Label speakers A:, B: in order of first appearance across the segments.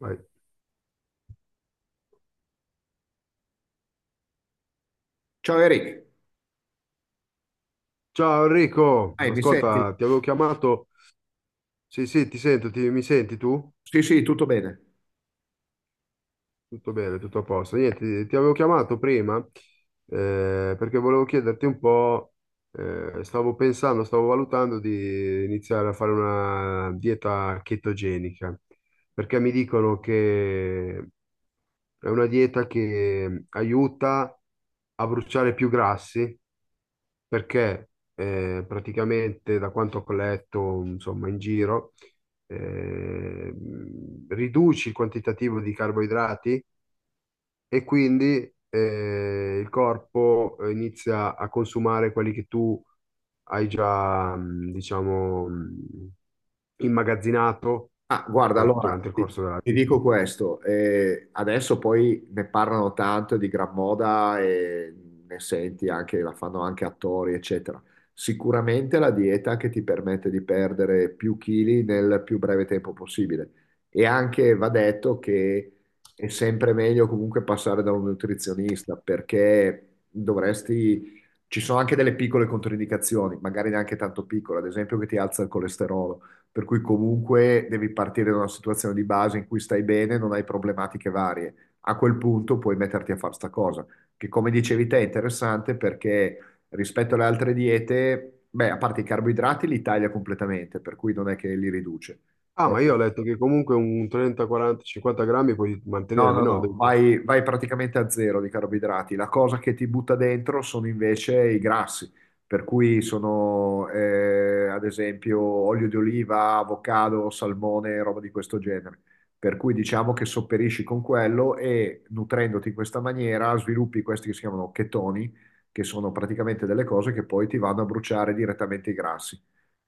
A: Vai.
B: Ciao Eric,
A: Ciao Enrico,
B: Mi senti?
A: ascolta, ti avevo chiamato. Sì, sì, ti sento, mi senti tu?
B: Sì, sì, tutto bene.
A: Tutto bene, tutto a posto. Niente, ti avevo chiamato prima, perché volevo chiederti un po'. Stavo pensando, stavo valutando di iniziare a fare una dieta chetogenica, perché mi dicono che è una dieta che aiuta a bruciare più grassi perché praticamente da quanto ho letto, insomma, in giro, eh, riduci il quantitativo di carboidrati e quindi il corpo inizia a consumare quelli che tu hai già, diciamo, immagazzinato
B: Ah, guarda,
A: durante il corso della
B: ti
A: vita.
B: dico questo, adesso poi ne parlano tanto di gran moda e ne senti anche, la fanno anche attori, eccetera. Sicuramente la dieta che ti permette di perdere più chili nel più breve tempo possibile. E anche va detto che è sempre meglio comunque passare da un nutrizionista perché dovresti... Ci sono anche delle piccole controindicazioni, magari neanche tanto piccole, ad esempio che ti alza il colesterolo, per cui comunque devi partire da una situazione di base in cui stai bene, non hai problematiche varie. A quel punto puoi metterti a fare sta cosa, che come dicevi te è interessante perché rispetto alle altre diete, beh, a parte i carboidrati li taglia completamente, per cui non è che li riduce.
A: Ah,
B: Però
A: ma io ho letto che comunque un 30, 40, 50 grammi puoi
B: no,
A: mantenerli,
B: no,
A: no? Ho
B: no,
A: detto,
B: vai, vai praticamente a zero di carboidrati. La cosa che ti butta dentro sono invece i grassi, per cui sono ad esempio olio di oliva, avocado, salmone, roba di questo genere. Per cui diciamo che sopperisci con quello e nutrendoti in questa maniera sviluppi questi che si chiamano chetoni, che sono praticamente delle cose che poi ti vanno a bruciare direttamente i grassi.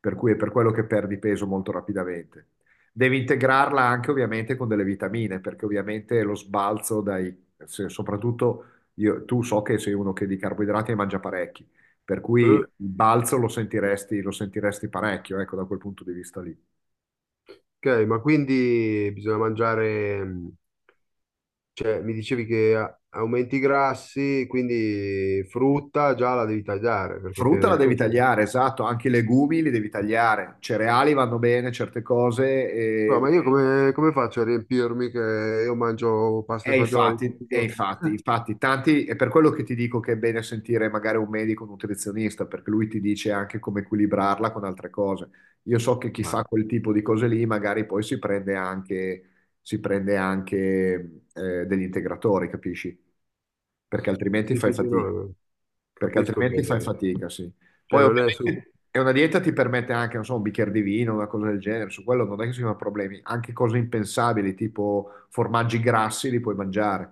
B: Per cui è per quello che perdi peso molto rapidamente. Devi integrarla anche ovviamente con delle vitamine, perché ovviamente lo sbalzo dai, soprattutto io, tu so che sei uno che di carboidrati ne mangia parecchi, per cui il
A: eh,
B: balzo lo sentiresti parecchio, ecco, da quel punto di vista lì.
A: ok, ma quindi bisogna mangiare, cioè, mi dicevi che aumenti i grassi, quindi frutta già la devi tagliare perché è piena
B: Frutta la
A: di
B: devi
A: zucchero.
B: tagliare, esatto, anche i legumi li devi tagliare, cereali vanno bene, certe cose,
A: No,
B: e
A: ma io come, faccio a riempirmi che io mangio pasta e
B: E
A: fagioli
B: infatti,
A: tutti i
B: e
A: giorni?
B: infatti, infatti, tanti, è per quello che ti dico che è bene sentire magari un medico, un nutrizionista, perché lui ti dice anche come equilibrarla con altre cose. Io so che chi
A: Ah,
B: fa quel tipo di cose lì magari poi si prende anche degli integratori, capisci? Perché altrimenti
A: sì,
B: fai
A: sì, sì,
B: fatica.
A: no,
B: Perché
A: capisco
B: altrimenti fai
A: che.
B: fatica, sì.
A: Cioè,
B: Poi
A: non è.
B: ovviamente è una dieta ti permette anche, non so, un bicchiere di vino, una cosa del genere, su quello non è che si sono problemi, anche cose impensabili, tipo formaggi grassi li puoi mangiare,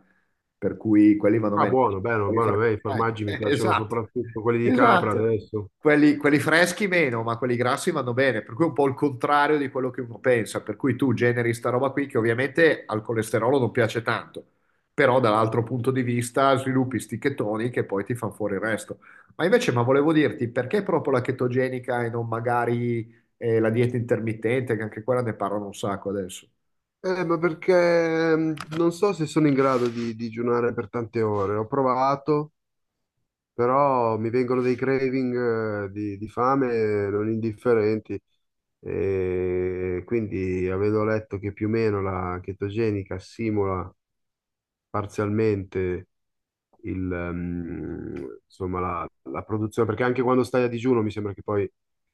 B: per cui quelli vanno
A: Ah,
B: bene. Invece
A: buono, bello,
B: quelli
A: buono, a me i formaggi mi piacciono
B: esatto,
A: soprattutto quelli di capra
B: esatto.
A: adesso.
B: Quelli freschi meno, ma quelli grassi vanno bene, per cui è un po' il contrario di quello che uno pensa, per cui tu generi sta roba qui che ovviamente al colesterolo non piace tanto, però dall'altro punto di vista sviluppi sti chetoni che poi ti fanno fuori il resto. Ma invece, ma volevo dirti, perché proprio la chetogenica e non magari la dieta intermittente, che anche quella ne parlano un sacco adesso?
A: Ma perché, non so se sono in grado di digiunare per tante ore. Ho provato, però mi vengono dei craving, di fame non indifferenti, e quindi avendo letto che più o meno la chetogenica simula parzialmente insomma, la produzione, perché anche quando stai a digiuno mi sembra che poi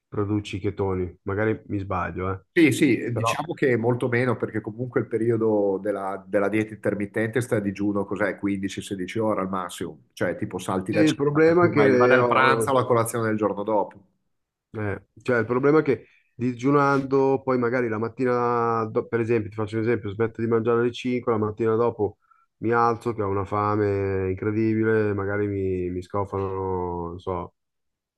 A: produci i chetoni, magari mi sbaglio, eh.
B: Sì, sì,
A: Però
B: diciamo che molto meno, perché comunque il periodo della dieta intermittente sta a digiuno, cos'è, 15-16 ore al massimo, cioè tipo salti
A: sì,
B: la
A: il
B: cena,
A: problema è
B: vai, vai
A: che
B: dal pranzo alla colazione del giorno dopo.
A: Cioè, il problema è che digiunando, poi magari la mattina, per esempio, ti faccio un esempio, smetto di mangiare alle 5, la mattina dopo mi alzo che ho una fame incredibile, magari mi scofano, non so,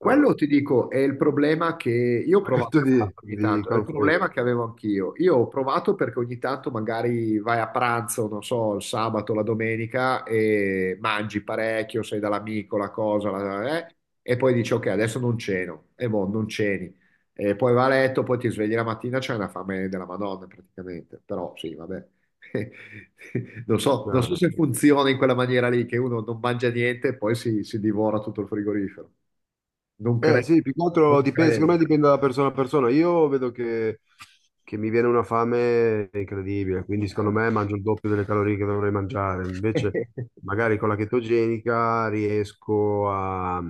A: un
B: ti dico è il problema che io ho provato a
A: pacchetto di,
B: farlo ogni
A: di
B: tanto, è il
A: cornflakes.
B: problema che avevo anch'io. Io ho provato perché ogni tanto magari vai a pranzo, non so, il sabato, la domenica e mangi parecchio, sei dall'amico, la cosa, e poi dici ok, adesso non ceno, e boh, non ceni. E poi va a letto, poi ti svegli la mattina, c'è una fame della Madonna praticamente, però sì, vabbè. Non so, non so se
A: Cioè,
B: funziona in quella maniera lì, che uno non mangia niente e poi si divora tutto il frigorifero. Non
A: eh
B: credo,
A: sì, più che
B: non
A: altro dipende,
B: credo.
A: secondo me dipende da persona a persona. Io vedo che mi viene una fame incredibile, quindi secondo
B: Ah.
A: me mangio il doppio delle calorie che dovrei mangiare. Invece, magari con la chetogenica riesco a,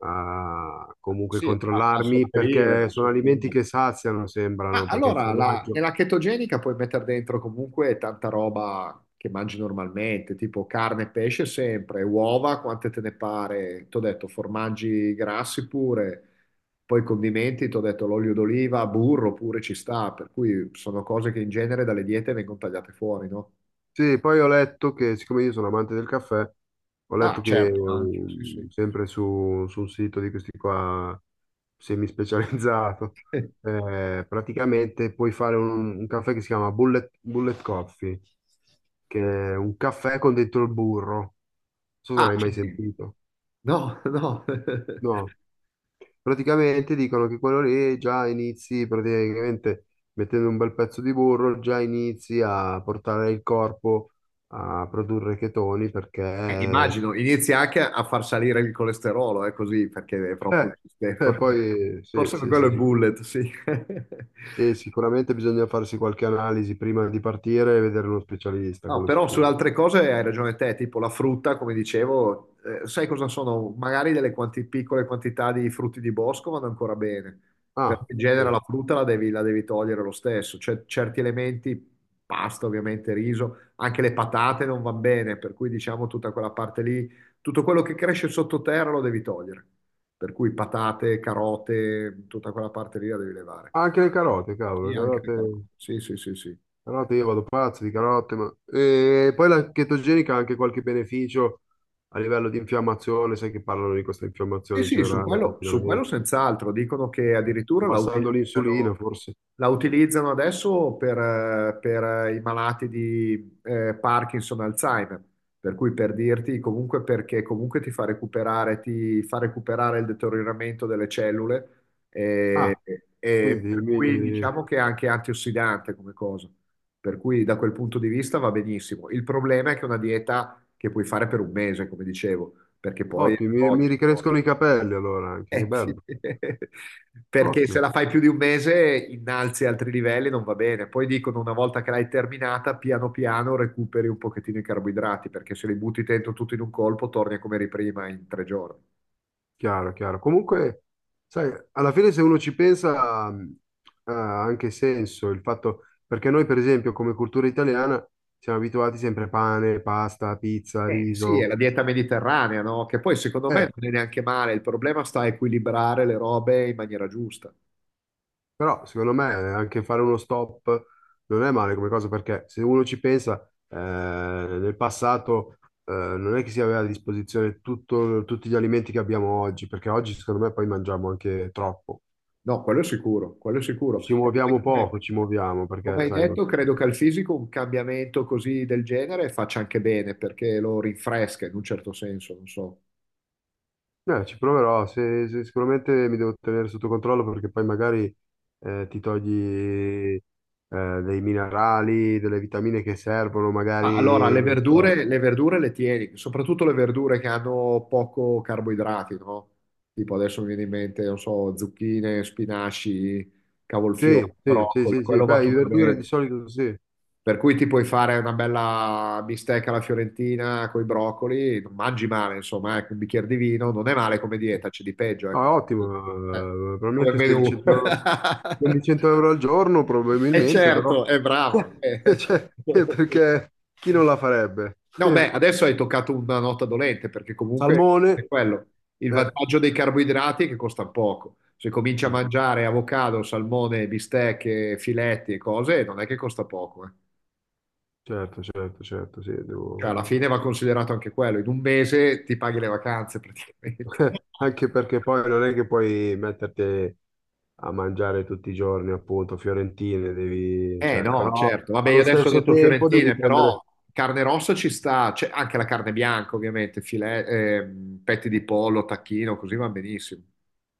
A: a comunque
B: Sì, a, a
A: controllarmi
B: sopperire, a
A: perché sono alimenti
B: sopperire.
A: che saziano,
B: Ma
A: sembrano, perché il
B: allora,
A: formaggio.
B: nella chetogenica puoi mettere dentro comunque tanta roba che mangi normalmente, tipo carne e pesce sempre, uova, quante te ne pare. T'ho detto, formaggi grassi pure, poi condimenti, t'ho detto l'olio d'oliva, burro pure ci sta, per cui sono cose che in genere dalle diete vengono tagliate fuori, no?
A: Sì, poi ho letto che, siccome io sono amante del caffè, ho
B: Ah,
A: letto che,
B: certo, anche, sì, sì.
A: sempre su un sito di questi qua semispecializzato. Praticamente puoi fare un caffè che si chiama Bullet Coffee, che è un caffè con dentro il burro. Non so se
B: Ah,
A: l'hai mai
B: accidenti.
A: sentito.
B: No, no.
A: No. Praticamente dicono che quello lì già inizi praticamente mettendo un bel pezzo di burro, già inizi a portare il corpo a produrre chetoni perché
B: Immagino, inizia anche a far salire il colesterolo, è così, perché è proprio... il
A: eh,
B: sistema.
A: poi sì,
B: Forse per
A: sì,
B: quello è
A: sì.
B: bullet, sì.
A: E sicuramente bisogna farsi qualche analisi prima di partire e vedere uno specialista,
B: No,
A: quello
B: però sulle
A: sicuro.
B: altre cose hai ragione te, tipo la frutta, come dicevo, sai cosa sono? Magari delle piccole quantità di frutti di bosco vanno ancora bene, perché
A: Ah,
B: in
A: sì.
B: genere la frutta la devi togliere lo stesso, c'è certi elementi, pasta ovviamente, riso, anche le patate non vanno bene, per cui diciamo tutta quella parte lì, tutto quello che cresce sottoterra lo devi togliere, per cui patate, carote, tutta quella parte lì la devi levare.
A: Anche le carote, cavolo,
B: Sì,
A: le
B: anche le
A: carote.
B: carote, sì, sì, sì, sì.
A: Carote, io vado pazzo di carote, ma. E poi la chetogenica ha anche qualche beneficio a livello di infiammazione, sai che parlano di questa
B: Sì,
A: infiammazione
B: sì,
A: generale
B: su quello
A: continuamente,
B: senz'altro. Dicono che addirittura
A: abbassando l'insulina forse.
B: la utilizzano adesso per, i malati di Parkinson, Alzheimer. Per cui per dirti, comunque perché comunque ti fa recuperare il deterioramento delle cellule e,
A: Ah,
B: e
A: quindi
B: per cui
A: mi.
B: diciamo che è anche antiossidante come cosa. Per cui da quel punto di vista va benissimo. Il problema è che è una dieta che puoi fare per 1 mese, come dicevo perché poi
A: Ottimo, mi ricrescono i capelli allora anche, che
B: sì.
A: bello.
B: Perché se
A: Ottimo,
B: la fai più di 1 mese innalzi altri livelli, non va bene. Poi dicono una volta che l'hai terminata, piano piano recuperi un pochettino i carboidrati, perché se li butti dentro tutto in un colpo, torni a come eri prima in 3 giorni.
A: chiaro, chiaro. Comunque, sai, alla fine se uno ci pensa, ha anche senso il fatto, perché noi per esempio come cultura italiana siamo abituati sempre a pane, pasta, pizza,
B: Eh sì, è
A: riso.
B: la dieta mediterranea, no? Che poi secondo me
A: Eh,
B: non è neanche male, il problema sta a equilibrare le robe in maniera giusta.
A: Però secondo me, anche fare uno stop non è male come cosa perché se uno ci pensa, nel passato, non è che si aveva a disposizione tutti gli alimenti che abbiamo oggi, perché oggi secondo me poi mangiamo anche troppo.
B: No, quello è sicuro, quello è sicuro.
A: Ci
B: E poi
A: muoviamo poco, ci muoviamo
B: come
A: perché,
B: hai
A: sai,
B: detto, credo che al fisico un cambiamento così del genere faccia anche bene perché lo rinfresca in un certo senso, non so.
A: ci proverò, sicuramente mi devo tenere sotto controllo perché poi magari, ti togli, dei minerali, delle vitamine che servono,
B: Ah, allora,
A: magari,
B: le
A: non so.
B: verdure, le verdure le tieni, soprattutto le verdure che hanno poco carboidrati, no? Tipo adesso mi viene in mente, non so, zucchine, spinaci,
A: Sì,
B: cavolfiore,
A: sì, sì,
B: broccoli,
A: sì, sì.
B: quello va
A: Beh, le
B: tutto
A: verdure di
B: bene.
A: solito sì.
B: Per cui ti puoi fare una bella bistecca alla fiorentina con i broccoli, non mangi male, insomma, ecco, un bicchiere di vino, non è male come dieta, c'è di peggio,
A: No, è
B: ecco, eh,
A: ottimo,
B: come
A: probabilmente spendi
B: menù.
A: 100 euro, spendi 100 euro al giorno,
B: E
A: probabilmente, però.
B: certo, è bravo.
A: Cioè, perché chi non la farebbe?
B: No, beh, adesso hai toccato una nota dolente, perché comunque è
A: Salmone?
B: quello. Il
A: Eh,
B: vantaggio dei carboidrati è che costa poco. Se cominci a
A: mm,
B: mangiare avocado, salmone, bistecche, filetti e cose, non è che costa poco, eh.
A: certo, certo, certo, sì,
B: Cioè, alla fine va considerato anche quello, in 1 mese ti paghi le vacanze praticamente.
A: Anche perché poi non è che puoi metterti a mangiare tutti i giorni, appunto, fiorentine, devi.
B: Eh
A: Cioè,
B: no,
A: però
B: certo, vabbè io
A: allo
B: adesso ho
A: stesso
B: detto
A: tempo devi
B: fiorentine, però
A: prendere.
B: carne rossa ci sta, c'è anche la carne bianca ovviamente, filet, petti di pollo, tacchino, così va benissimo.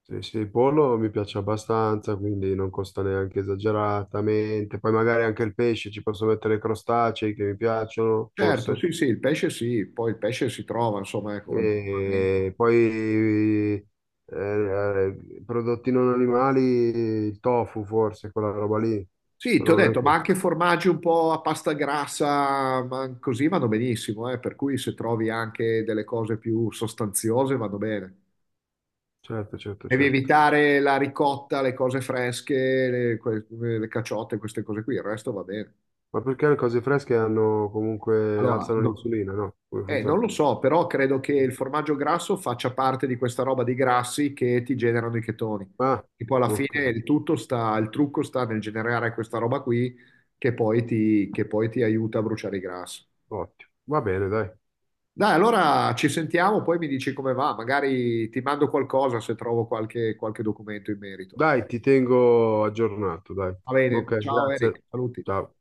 A: Sì, sì, il pollo mi piace abbastanza, quindi non costa neanche esageratamente. Poi magari anche il pesce, ci posso mettere crostacei che mi piacciono,
B: Certo,
A: forse.
B: sì, sì, il pesce sì, poi il pesce si trova, insomma, ecco. È un momento.
A: E poi, prodotti non animali, il tofu forse, quella roba lì.
B: Sì, ti
A: Però
B: ho
A: non è
B: detto,
A: che.
B: ma anche formaggi un po' a pasta grassa, ma così vanno benissimo, per cui se trovi anche delle cose più sostanziose vanno bene.
A: Certo, certo,
B: Devi
A: certo.
B: evitare la ricotta, le cose fresche, le, le caciotte, queste cose qui, il resto va bene.
A: Ma perché le cose fresche hanno comunque
B: Allora,
A: alzano l'insulina, no? Come funziona?
B: non lo so, però credo che il formaggio grasso faccia parte di questa roba di grassi che ti generano i chetoni.
A: Ah,
B: E poi alla
A: ok,
B: fine il tutto sta, il trucco sta nel generare questa roba qui che poi ti aiuta a bruciare i grassi.
A: ottimo. Va bene, dai.
B: Dai, allora ci sentiamo, poi mi dici come va, magari ti mando qualcosa se trovo qualche documento in merito.
A: Dai, ti tengo aggiornato, dai.
B: Va bene,
A: Ok,
B: ciao
A: grazie.
B: Eric, saluti.
A: Ciao.